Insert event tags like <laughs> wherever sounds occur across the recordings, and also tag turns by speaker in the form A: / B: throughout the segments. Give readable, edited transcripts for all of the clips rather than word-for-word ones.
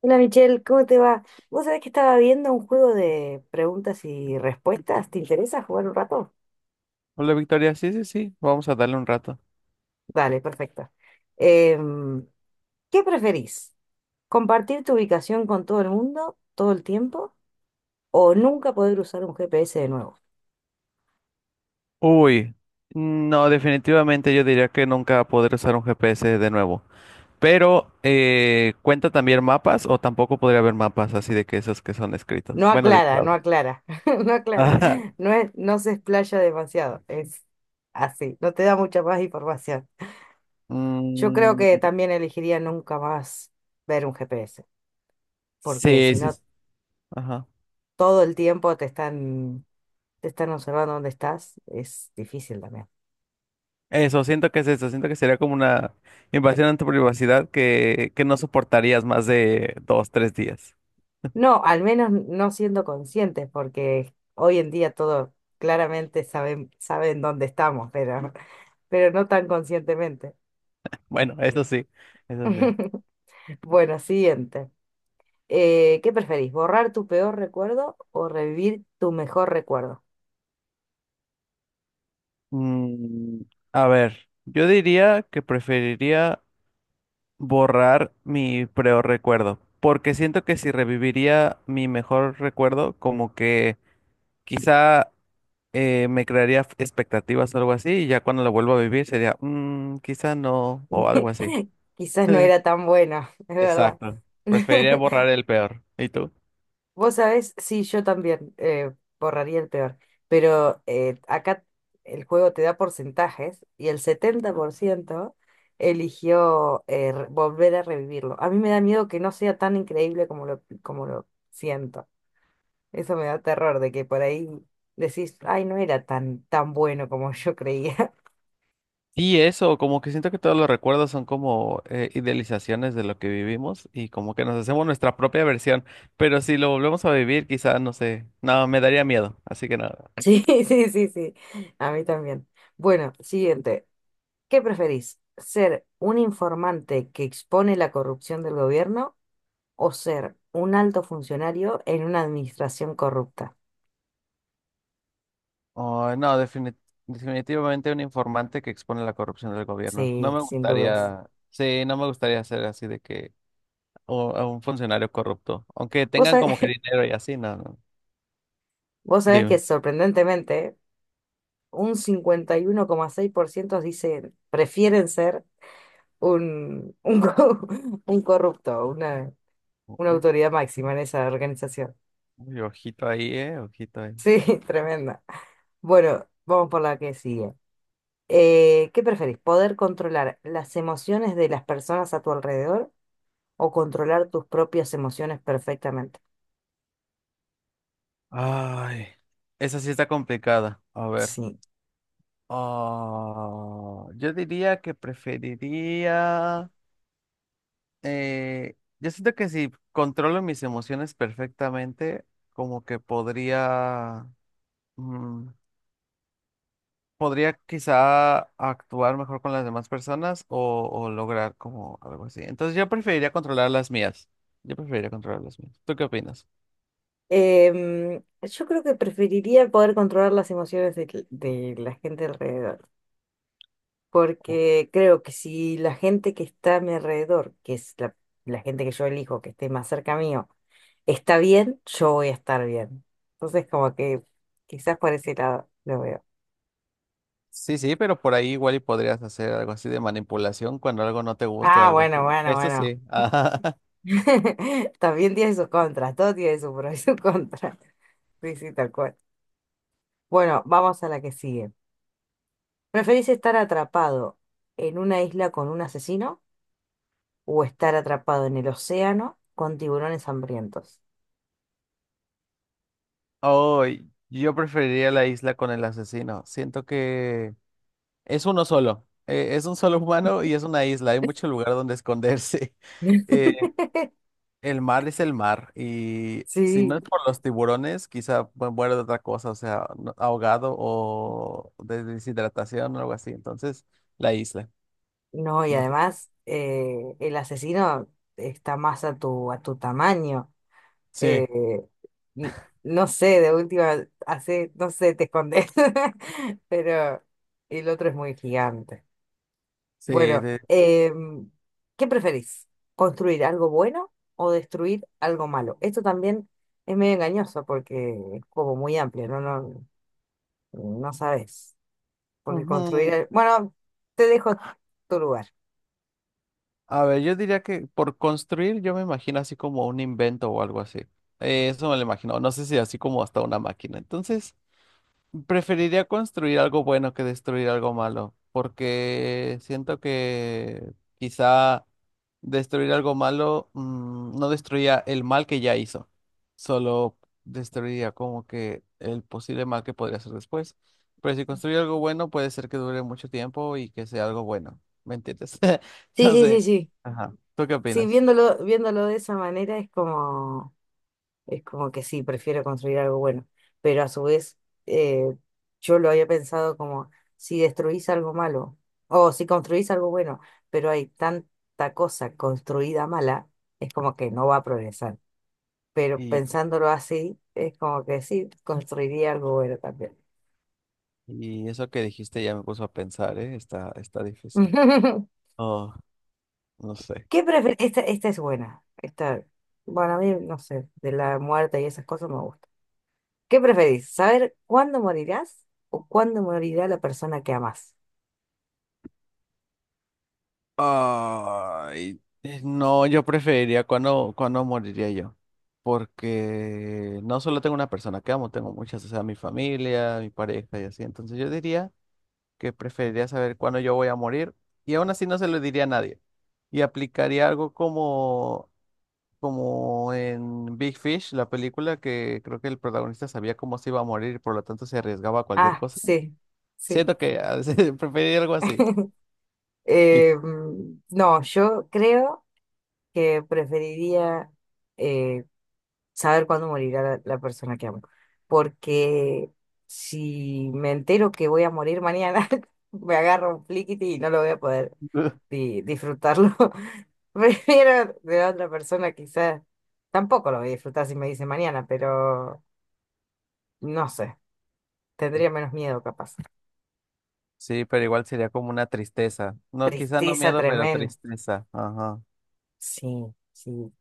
A: Hola Michelle, ¿cómo te va? Vos sabés que estaba viendo un juego de preguntas y respuestas. ¿Te interesa jugar un rato?
B: Hola Victoria, sí, sí, sí, vamos a darle un rato.
A: Dale, perfecto. Em, ¿Qué preferís? ¿Compartir tu ubicación con todo el mundo todo el tiempo o nunca poder usar un GPS de nuevo?
B: Uy, no, definitivamente yo diría que nunca podré usar un GPS de nuevo. Pero, ¿cuenta también mapas o tampoco podría haber mapas así de que esos que son escritos?
A: No
B: Bueno,
A: aclara,
B: dibujados.
A: no
B: <laughs>
A: aclara, <laughs> no aclara.
B: Ajá.
A: No es, no se explaya demasiado, es así, no te da mucha más información. Yo creo
B: Mm,
A: que también elegiría nunca más ver un GPS, porque
B: sí,
A: si
B: sí,
A: no
B: sí, ajá.
A: todo el tiempo te están observando dónde estás, es difícil también.
B: Eso, siento que es eso, siento que sería como una invasión en tu privacidad que no soportarías más de dos, tres días. <laughs>
A: No, al menos no siendo conscientes, porque hoy en día todo claramente saben, saben dónde estamos, pero no tan conscientemente.
B: Bueno, eso sí, eso sí.
A: <laughs> Bueno, siguiente. ¿Qué preferís? ¿Borrar tu peor recuerdo o revivir tu mejor recuerdo?
B: Mm, a ver, yo diría que preferiría borrar mi peor recuerdo, porque siento que si reviviría mi mejor recuerdo, como que quizá me crearía expectativas o algo así, y ya cuando lo vuelvo a vivir sería, "Mm, quizá no, o algo
A: <laughs>
B: así.
A: Quizás no
B: <laughs>
A: era tan bueno, es verdad.
B: Exacto.
A: <laughs>
B: Preferiría borrar el peor. ¿Y tú?
A: Vos sabés, sí, yo también borraría el peor, pero acá el juego te da porcentajes y el 70% eligió volver a revivirlo. A mí me da miedo que no sea tan increíble como lo siento. Eso me da terror de que por ahí decís, ay, no era tan, tan bueno como yo creía. <laughs>
B: Y eso, como que siento que todos los recuerdos son como idealizaciones de lo que vivimos y como que nos hacemos nuestra propia versión, pero si lo volvemos a vivir, quizá, no sé, no, me daría miedo, así que nada.
A: Sí, sí, sí, sí, a mí también. Bueno, siguiente. ¿Qué preferís? ¿Ser un informante que expone la corrupción del gobierno o ser un alto funcionario en una administración corrupta?
B: Ay, no, definitivamente un informante que expone la corrupción del gobierno. No
A: Sí,
B: me
A: sin dudas.
B: gustaría, sí, no me gustaría ser así de que o, a un funcionario corrupto, aunque
A: Vos
B: tengan
A: sabés,
B: como que
A: <laughs>
B: dinero y así, no, no.
A: vos sabés que
B: Dime.
A: sorprendentemente un 51,6% dicen, prefieren ser un, un, co- <laughs> un corrupto, una
B: Uy,
A: autoridad máxima en esa organización.
B: uy, ojito ahí, ojito ahí.
A: Sí, <laughs> tremenda. Bueno, vamos por la que sigue. ¿Qué preferís? ¿Poder controlar las emociones de las personas a tu alrededor o controlar tus propias emociones perfectamente?
B: Ay, esa sí está complicada. A ver.
A: Sí.
B: Ah, yo diría que preferiría. Yo siento que si controlo mis emociones perfectamente, como que podría. mm, Podría quizá actuar mejor con las demás personas o lograr como algo así. Entonces yo preferiría controlar las mías. Yo preferiría controlar las mías. ¿Tú qué opinas?
A: Yo creo que preferiría poder controlar las emociones de la gente alrededor,
B: O-
A: porque creo que si la gente que está a mi alrededor, que es la gente que yo elijo que esté más cerca mío, está bien, yo voy a estar bien. Entonces, como que quizás por ese lado lo veo.
B: Sí, sí, pero por ahí igual y podrías hacer algo así de manipulación cuando algo no te guste o
A: Ah,
B: algo así.
A: bueno, bueno,
B: Eso
A: bueno.
B: sí. Ajá. <laughs>
A: <laughs> También tiene sus contras, todo tiene su pro y su contra. <laughs> Sí, sí, tal cual. Bueno, vamos a la que sigue. ¿Preferís estar atrapado en una isla con un asesino o estar atrapado en el océano con tiburones hambrientos?
B: Oh, yo preferiría la isla con el asesino. Siento que es uno solo. Es un solo humano y es una isla. Hay mucho lugar donde esconderse. <laughs> Eh,
A: <laughs>
B: El mar es el mar y si
A: Sí,
B: no es por los tiburones, quizá muera de otra cosa, o sea, ahogado o de deshidratación o algo así. Entonces, la isla.
A: no, y
B: No sé.
A: además el asesino está más a tu tamaño.
B: Sí,
A: Eh, n- no sé, de última, hace, no sé, te escondes, <laughs> pero el otro es muy gigante.
B: sí.
A: Bueno, ¿qué preferís? ¿Construir algo bueno o destruir algo malo? Esto también es medio engañoso porque es como muy amplio, no, no, no sabes. Porque construir,
B: Ujú.
A: el- bueno, te dejo tu lugar.
B: A ver, yo diría que por construir yo me imagino así como un invento o algo así. Eso me lo imagino. No sé si así como hasta una máquina. Entonces, preferiría construir algo bueno que destruir algo malo, porque siento que quizá destruir algo malo no destruía el mal que ya hizo, solo destruiría como que el posible mal que podría hacer después. Pero si construye algo bueno, puede ser que dure mucho tiempo y que sea algo bueno, ¿me entiendes? <laughs>
A: Sí,
B: No
A: sí, sí,
B: sé.
A: sí.
B: Ajá. ¿Tú qué
A: Sí,
B: opinas?
A: viéndolo, viéndolo de esa manera es como. Es como que sí, prefiero construir algo bueno. Pero a su vez, eh, yo lo había pensado como si destruís algo malo o si construís algo bueno, pero hay tanta cosa construida mala, es como que no va a progresar. Pero
B: Y,
A: pensándolo así, es como que sí, construiría algo bueno también.
B: y eso que dijiste ya me puso a pensar, ¿eh? Está, está difícil.
A: <laughs>
B: Oh, no sé.
A: ¿Qué prefieres? Esta es buena. Esta, bueno, a mí, no sé, de la muerte y esas cosas me gusta. ¿Qué preferís? ¿Saber cuándo morirás o cuándo morirá la persona que amás?
B: Ay, no, yo preferiría cuando moriría yo. Porque no solo tengo una persona que amo, tengo muchas, o sea, mi familia, mi pareja y así. Entonces yo diría que preferiría saber cuándo yo voy a morir y aún así no se lo diría a nadie. Y aplicaría algo como, como en Big Fish, la película que creo que el protagonista sabía cómo se iba a morir por lo tanto se arriesgaba a cualquier
A: Ah,
B: cosa.
A: sí, sí.
B: Siento que <laughs> preferiría algo así. ¿Y
A: No, yo creo que preferiría eh, saber cuándo morirá la persona que amo, porque si me entero que voy a morir mañana, <laughs> me agarro un fliquiti y no lo voy a poder
B: tú?
A: disfrutarlo. <laughs> Prefiero de otra persona quizás, tampoco lo voy a disfrutar si me dice mañana, pero no sé, tendría menos miedo capaz.
B: Sí, pero igual sería como una tristeza. No, quizá no
A: Tristeza
B: miedo, pero
A: tremenda.
B: tristeza. Ajá.
A: Sí, sí.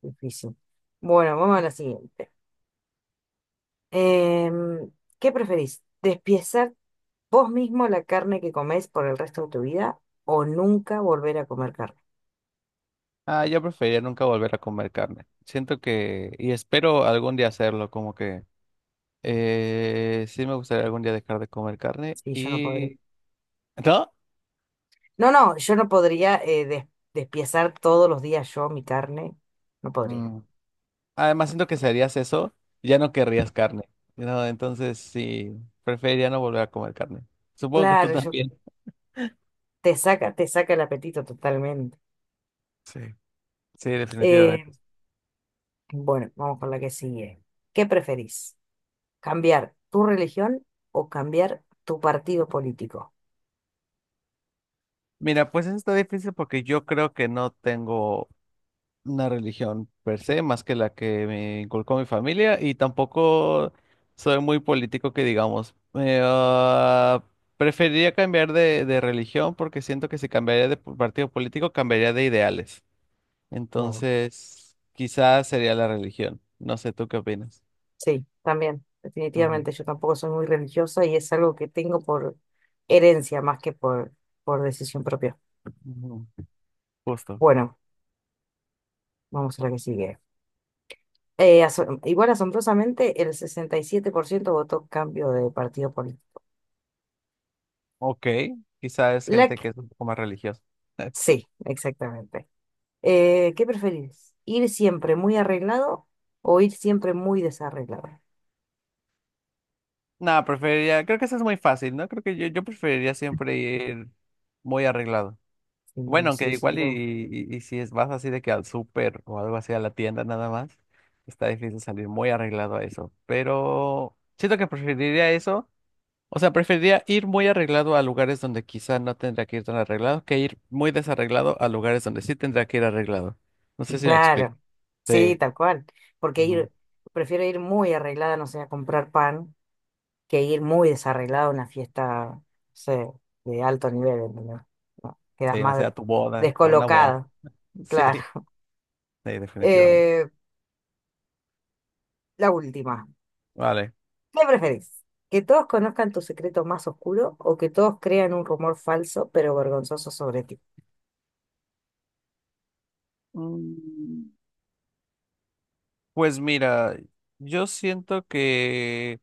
A: Difícil. Bueno, vamos a la siguiente. Em, ¿Qué preferís? ¿Despiezar vos mismo la carne que comés por el resto de tu vida o nunca volver a comer carne?
B: Ah, yo preferiría nunca volver a comer carne. Siento que, y espero algún día hacerlo, como que sí me gustaría algún día dejar de comer carne
A: Sí, yo no podría.
B: y. ¿No?
A: No, no, yo no podría despiezar todos los días yo mi carne. No podría.
B: Mm. Además, siento que si harías eso, ya no querrías carne. No, entonces sí, preferiría no volver a comer carne. Supongo que tú
A: Claro, yo,
B: también.
A: te saca el apetito totalmente.
B: Sí, sí,
A: Eh,
B: definitivamente.
A: bueno, vamos con la que sigue. ¿Qué preferís? ¿Cambiar tu religión o cambiar tu partido político?
B: Mira, pues eso está difícil porque yo creo que no tengo una religión per se, más que la que me inculcó mi familia, y tampoco soy muy político que digamos. Preferiría cambiar de religión porque siento que si cambiaría de partido político, cambiaría de ideales.
A: Claro.
B: Entonces, quizás sería la religión. No sé, ¿tú qué opinas?
A: Sí, también,
B: Ujú,
A: definitivamente. Yo tampoco soy muy religiosa y es algo que tengo por herencia más que por decisión propia.
B: ujú, justo.
A: Bueno, vamos a la que sigue. Igual asombrosamente, el 67% votó cambio de partido político.
B: Ok, quizás es
A: La
B: gente
A: que-
B: que es un poco más religiosa. <laughs>
A: sí, exactamente. ¿Qué preferís? ¿Ir siempre muy arreglado o ir siempre muy desarreglado?
B: No, preferiría, creo que eso es muy fácil, ¿no? Creo que yo preferiría siempre ir muy arreglado.
A: Sí,
B: Bueno,
A: sí,
B: aunque
A: sí,
B: igual
A: no.
B: y si es, vas así de que al súper o algo así a la tienda nada más, está difícil salir muy arreglado a eso. Pero siento que preferiría eso. O sea, preferiría ir muy arreglado a lugares donde quizá no tendría que ir tan arreglado que ir muy desarreglado a lugares donde sí tendría que ir arreglado. No sé si me explico.
A: Claro, sí,
B: Sí,
A: tal cual. Porque
B: ujú,
A: ir, prefiero ir muy arreglada, no sé, a comprar pan que ir muy desarreglado a una fiesta, no sé, de alto nivel, ¿entendés? No, quedas
B: sí, no sé,
A: más
B: a tu boda, a una boda.
A: descolocado,
B: <laughs> Sí,
A: claro.
B: sí,
A: <laughs>
B: definitivamente.
A: Eh, la última.
B: Vale.
A: ¿Qué preferís? ¿Que todos conozcan tu secreto más oscuro o que todos crean un rumor falso pero vergonzoso sobre ti?
B: Mm, Pues mira, yo siento que.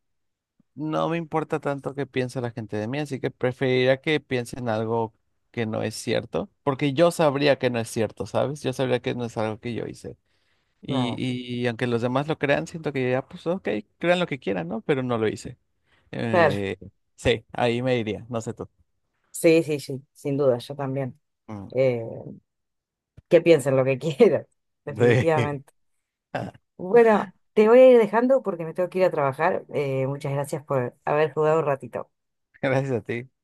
B: No me importa tanto qué piense la gente de mí, así que preferiría que piensen algo que no es cierto, porque yo sabría que no es cierto, ¿sabes? Yo sabría que no es algo que yo hice. Y,
A: Claro,
B: y aunque los demás lo crean, siento que ya, pues ok, crean lo que quieran, ¿no? Pero no lo hice.
A: claro.
B: Eh, sí, ahí me iría, no sé tú.
A: Sí, sí, sí, sin duda, yo también.
B: Mm.
A: Eh, que piensen lo que <laughs> quieran,
B: <laughs> Sí,
A: definitivamente. Bueno, te voy a ir dejando porque me tengo que ir a trabajar. Muchas gracias por haber jugado un ratito.
B: <laughs> gracias a ti.